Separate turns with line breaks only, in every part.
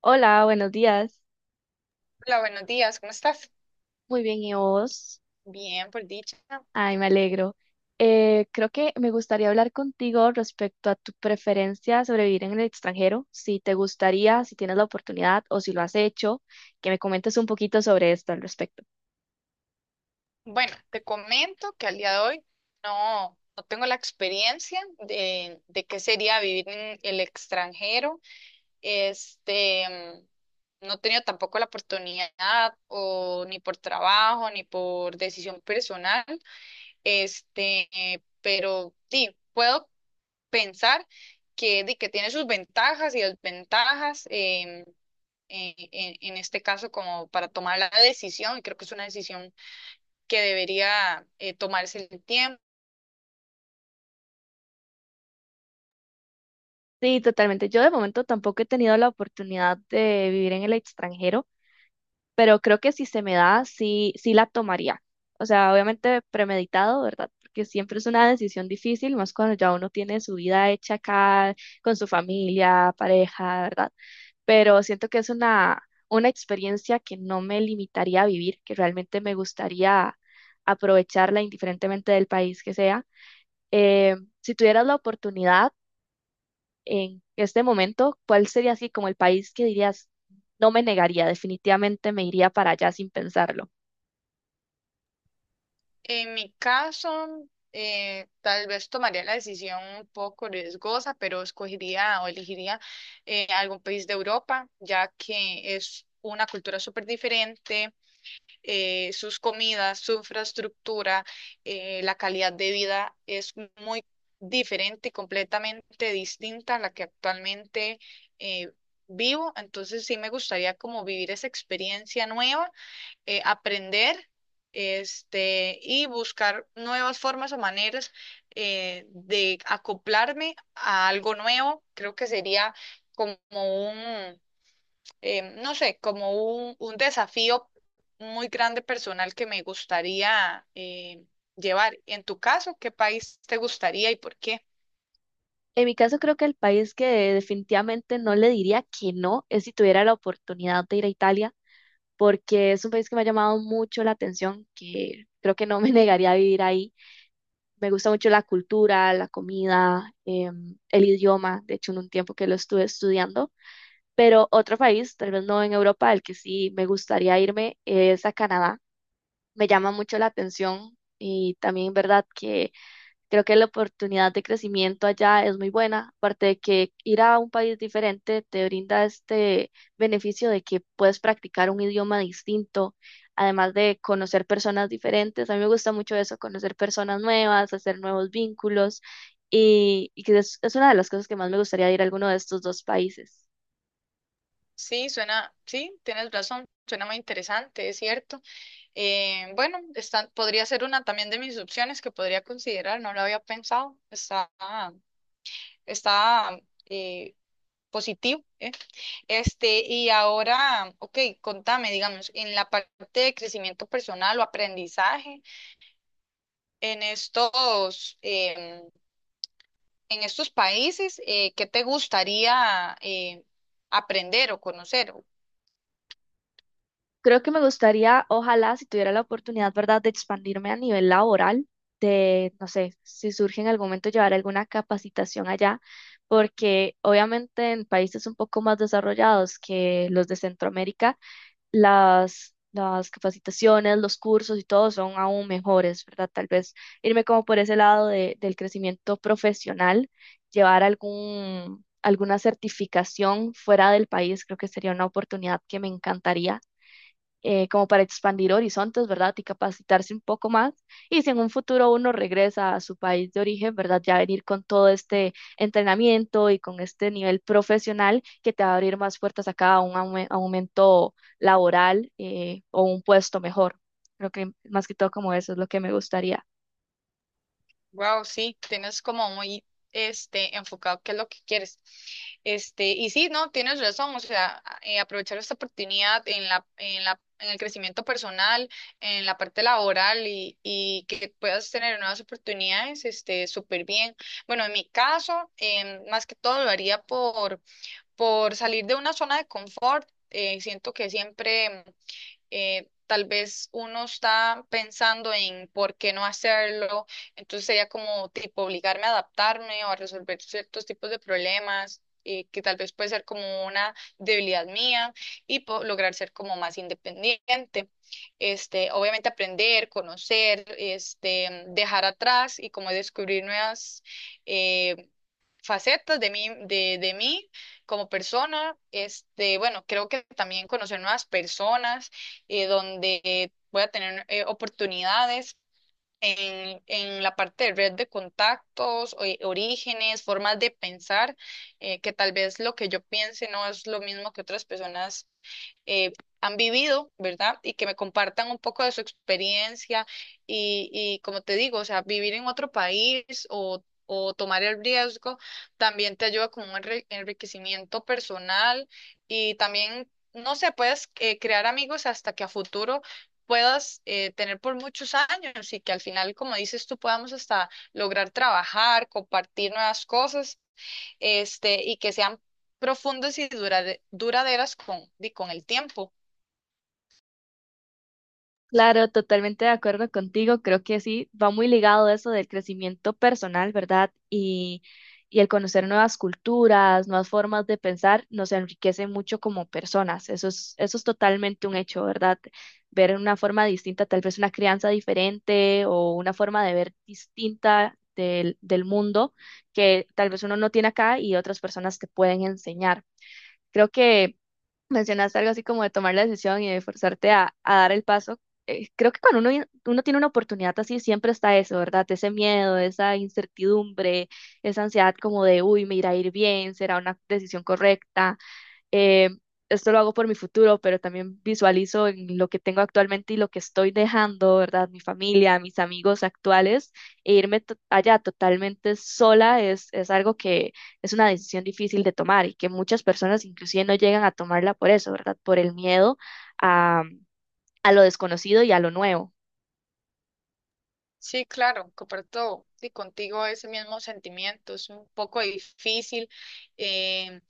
Hola, buenos días.
Hola, buenos días, ¿cómo estás?
Muy bien, ¿y vos?
Bien, por dicha.
Ay, me alegro. Creo que me gustaría hablar contigo respecto a tu preferencia sobre vivir en el extranjero, si te gustaría, si tienes la oportunidad o si lo has hecho, que me comentes un poquito sobre esto al respecto.
Bueno, te comento que al día de hoy no tengo la experiencia de qué sería vivir en el extranjero. No he tenido tampoco la oportunidad o ni por trabajo ni por decisión personal. Pero sí, puedo pensar que tiene sus ventajas y desventajas. En este caso como para tomar la decisión, y creo que es una decisión que debería tomarse el tiempo.
Sí, totalmente. Yo de momento tampoco he tenido la oportunidad de vivir en el extranjero, pero creo que si se me da, sí, sí la tomaría. O sea, obviamente premeditado, ¿verdad? Porque siempre es una decisión difícil, más cuando ya uno tiene su vida hecha acá, con su familia, pareja, ¿verdad? Pero siento que es una experiencia que no me limitaría a vivir, que realmente me gustaría aprovecharla indiferentemente del país que sea. Si tuvieras la oportunidad, en este momento, ¿cuál sería así como el país que dirías, no me negaría, definitivamente me iría para allá sin pensarlo?
En mi caso, tal vez tomaría la decisión un poco riesgosa, pero escogería o elegiría algún país de Europa, ya que es una cultura súper diferente, sus comidas, su infraestructura, la calidad de vida es muy diferente y completamente distinta a la que actualmente eh, vivo. Entonces sí me gustaría como vivir esa experiencia nueva, aprender. Y buscar nuevas formas o maneras de acoplarme a algo nuevo. Creo que sería como un, no sé, como un desafío muy grande personal que me gustaría llevar. En tu caso, ¿qué país te gustaría y por qué?
En mi caso, creo que el país que definitivamente no le diría que no es si tuviera la oportunidad de ir a Italia, porque es un país que me ha llamado mucho la atención, que creo que no me negaría a vivir ahí. Me gusta mucho la cultura, la comida, el idioma. De hecho, en un tiempo que lo estuve estudiando. Pero otro país, tal vez no en Europa, al que sí me gustaría irme es a Canadá. Me llama mucho la atención y también, ¿verdad?, que creo que la oportunidad de crecimiento allá es muy buena, aparte de que ir a un país diferente te brinda este beneficio de que puedes practicar un idioma distinto, además de conocer personas diferentes. A mí me gusta mucho eso, conocer personas nuevas, hacer nuevos vínculos y que es una de las cosas que más me gustaría de ir a alguno de estos dos países.
Sí, suena, sí, tienes razón, suena muy interesante, es cierto. Bueno, está, podría ser una también de mis opciones que podría considerar, no lo había pensado, está, está eh, positivo. ¿Eh? Y ahora, ok, contame, digamos, en la parte de crecimiento personal o aprendizaje. En estos, em, en estos países, ¿qué te gustaría aprender o conocer?
Creo que me gustaría, ojalá, si tuviera la oportunidad, ¿verdad?, de expandirme a nivel laboral, de, no sé, si surge en algún momento llevar alguna capacitación allá, porque obviamente en países un poco más desarrollados que los de Centroamérica, las capacitaciones, los cursos y todo son aún mejores, ¿verdad? Tal vez irme como por ese lado del crecimiento profesional, llevar algún alguna certificación fuera del país, creo que sería una oportunidad que me encantaría como para expandir horizontes, ¿verdad? Y capacitarse un poco más. Y si en un futuro uno regresa a su país de origen, ¿verdad? Ya venir con todo este entrenamiento y con este nivel profesional que te va a abrir más puertas acá a un aumento laboral o un puesto mejor. Creo que más que todo como eso es lo que me gustaría.
Wow, sí, tienes como muy enfocado qué es lo que quieres. Y sí, no, tienes razón, o sea, aprovechar esta oportunidad en el crecimiento personal, en la parte laboral y que puedas tener nuevas oportunidades, este, súper bien. Bueno, en mi caso, más que todo lo haría por salir de una zona de confort. Siento que siempre tal vez uno está pensando en por qué no hacerlo, entonces sería como tipo obligarme a adaptarme o a resolver ciertos tipos de problemas, que tal vez puede ser como una debilidad mía y lograr ser como más independiente. Obviamente aprender, conocer, este, dejar atrás y como descubrir nuevas eh, facetas de mí, de mí como persona. Bueno, creo que también conocer nuevas personas, donde voy a tener oportunidades en la parte de red de contactos, orígenes, formas de pensar, que tal vez lo que yo piense no es lo mismo que otras personas eh, han vivido, ¿verdad? Y que me compartan un poco de su experiencia y como te digo, o sea, vivir en otro país o tomar el riesgo también te ayuda con un enriquecimiento personal y también... No sé, puedes crear amigos hasta que a futuro puedas tener por muchos años y que al final, como dices tú, podamos hasta lograr trabajar, compartir nuevas cosas, este, y que sean profundas y duraderas con el tiempo.
Claro, totalmente de acuerdo contigo. Creo que sí, va muy ligado eso del crecimiento personal, ¿verdad? Y el conocer nuevas culturas, nuevas formas de pensar, nos enriquece mucho como personas. Eso es totalmente un hecho, ¿verdad? Ver una forma distinta, tal vez una crianza diferente o una forma de ver distinta del mundo que tal vez uno no tiene acá y otras personas te pueden enseñar. Creo que mencionaste algo así como de tomar la decisión y de forzarte a dar el paso. Creo que cuando uno tiene una oportunidad así, siempre está eso, ¿verdad? Ese miedo, esa incertidumbre, esa ansiedad como de, uy, me irá a ir bien, será una decisión correcta, eh, esto lo hago por mi futuro, pero también visualizo en lo que tengo actualmente y lo que estoy dejando, ¿verdad? Mi familia, mis amigos actuales, e irme allá totalmente sola es algo que es una decisión difícil de tomar y que muchas personas inclusive no llegan a tomarla por eso, ¿verdad? Por el miedo a, a lo desconocido y a lo nuevo.
Sí, claro, comparto contigo ese mismo sentimiento, es un poco difícil, em,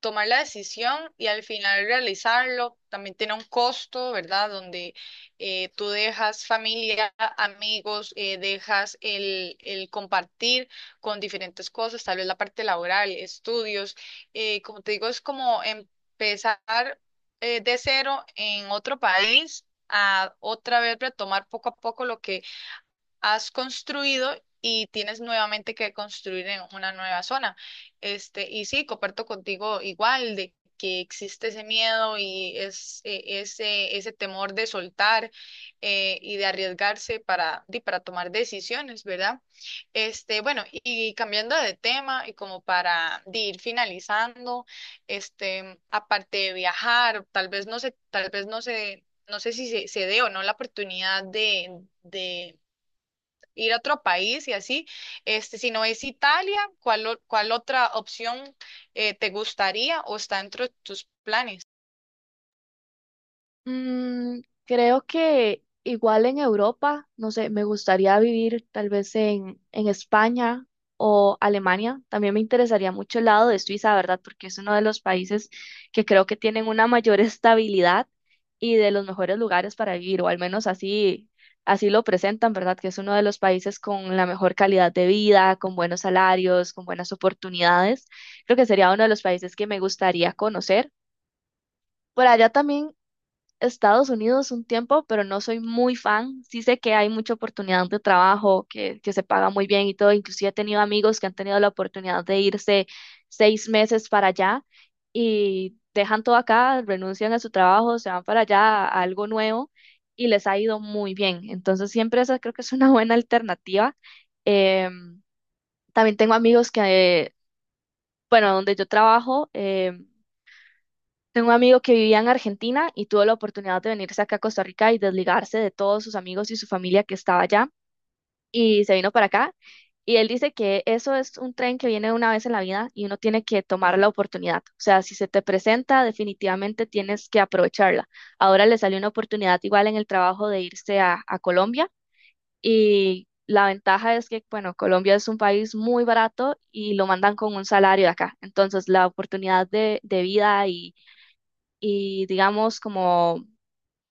tomar la decisión y al final realizarlo. También tiene un costo, ¿verdad? Donde tú dejas familia, amigos, dejas el compartir con diferentes cosas, tal vez la parte laboral, estudios. Como te digo, es como empezar de cero en otro país, a otra vez retomar poco a poco lo que has construido y tienes nuevamente que construir en una nueva zona. Y sí, comparto contigo igual de que existe ese miedo y es, ese temor de soltar y de arriesgarse para tomar decisiones, ¿verdad? Bueno, y cambiando de tema y como para ir finalizando, este, aparte de viajar, tal vez no sé, no sé si se, se dé o no la oportunidad de ir a otro país y así. Este, si no es Italia, ¿cuál otra opción te gustaría o está dentro de tus planes?
Creo que igual en Europa, no sé, me gustaría vivir tal vez en España o Alemania. También me interesaría mucho el lado de Suiza, ¿verdad? Porque es uno de los países que creo que tienen una mayor estabilidad y de los mejores lugares para vivir, o al menos así, así lo presentan, ¿verdad? Que es uno de los países con la mejor calidad de vida, con buenos salarios, con buenas oportunidades. Creo que sería uno de los países que me gustaría conocer. Por allá también Estados Unidos un tiempo, pero no soy muy fan. Sí sé que hay mucha oportunidad de trabajo, que se paga muy bien y todo. Inclusive he tenido amigos que han tenido la oportunidad de irse 6 meses para allá y dejan todo acá, renuncian a su trabajo, se van para allá a algo nuevo y les ha ido muy bien. Entonces siempre esa creo que es una buena alternativa. Em, también tengo amigos que, bueno, donde yo trabajo. Tengo un amigo que vivía en Argentina y tuvo la oportunidad de venirse acá a Costa Rica y desligarse de todos sus amigos y su familia que estaba allá y se vino para acá. Y él dice que eso es un tren que viene una vez en la vida y uno tiene que tomar la oportunidad. O sea, si se te presenta, definitivamente tienes que aprovecharla. Ahora le salió una oportunidad igual en el trabajo de irse a Colombia y la ventaja es que, bueno, Colombia es un país muy barato y lo mandan con un salario de acá. Entonces, la oportunidad de vida y digamos como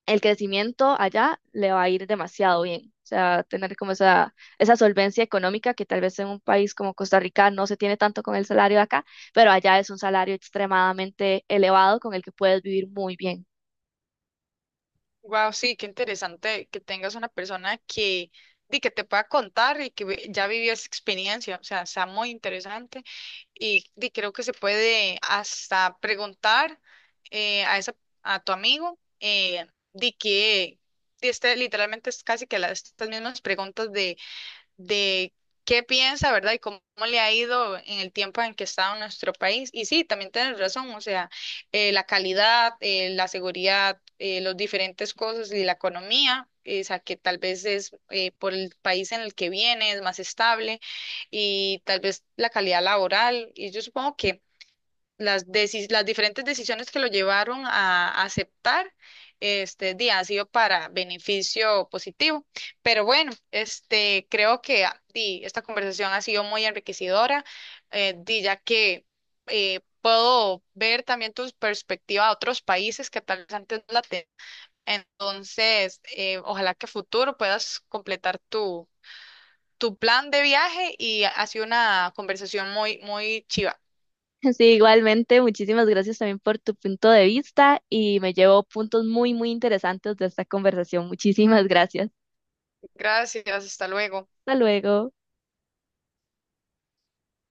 el crecimiento allá le va a ir demasiado bien. O sea, tener como esa solvencia económica que tal vez en un país como Costa Rica no se tiene tanto con el salario de acá, pero allá es un salario extremadamente elevado con el que puedes vivir muy bien.
Wow, sí, qué interesante que tengas una persona que te pueda contar y que ya vivió esa experiencia. O sea, está muy interesante y creo que se puede hasta preguntar eh, a esa, a tu amigo de que... literalmente es casi que las, estas mismas preguntas de qué piensa, ¿verdad? Y cómo le ha ido en el tiempo en que ha estado en nuestro país. Y sí, también tienes razón, o sea, la seguridad, los diferentes cosas y la economía. O sea, que tal vez es por el país en el que viene, es más estable y tal vez la calidad laboral. Y yo supongo que las diferentes decisiones que lo llevaron a aceptar este día ha sido para beneficio positivo. Pero bueno, este, creo que esta conversación ha sido muy enriquecedora, ya que puedo ver también tu perspectiva a otros países que tal vez antes no la tenían. Entonces, ojalá que a futuro puedas completar tu plan de viaje y ha sido una conversación muy, muy chiva.
Sí, igualmente, muchísimas gracias también por tu punto de vista y me llevo puntos muy, muy interesantes de esta conversación. Muchísimas gracias.
Gracias, hasta luego.
Hasta luego.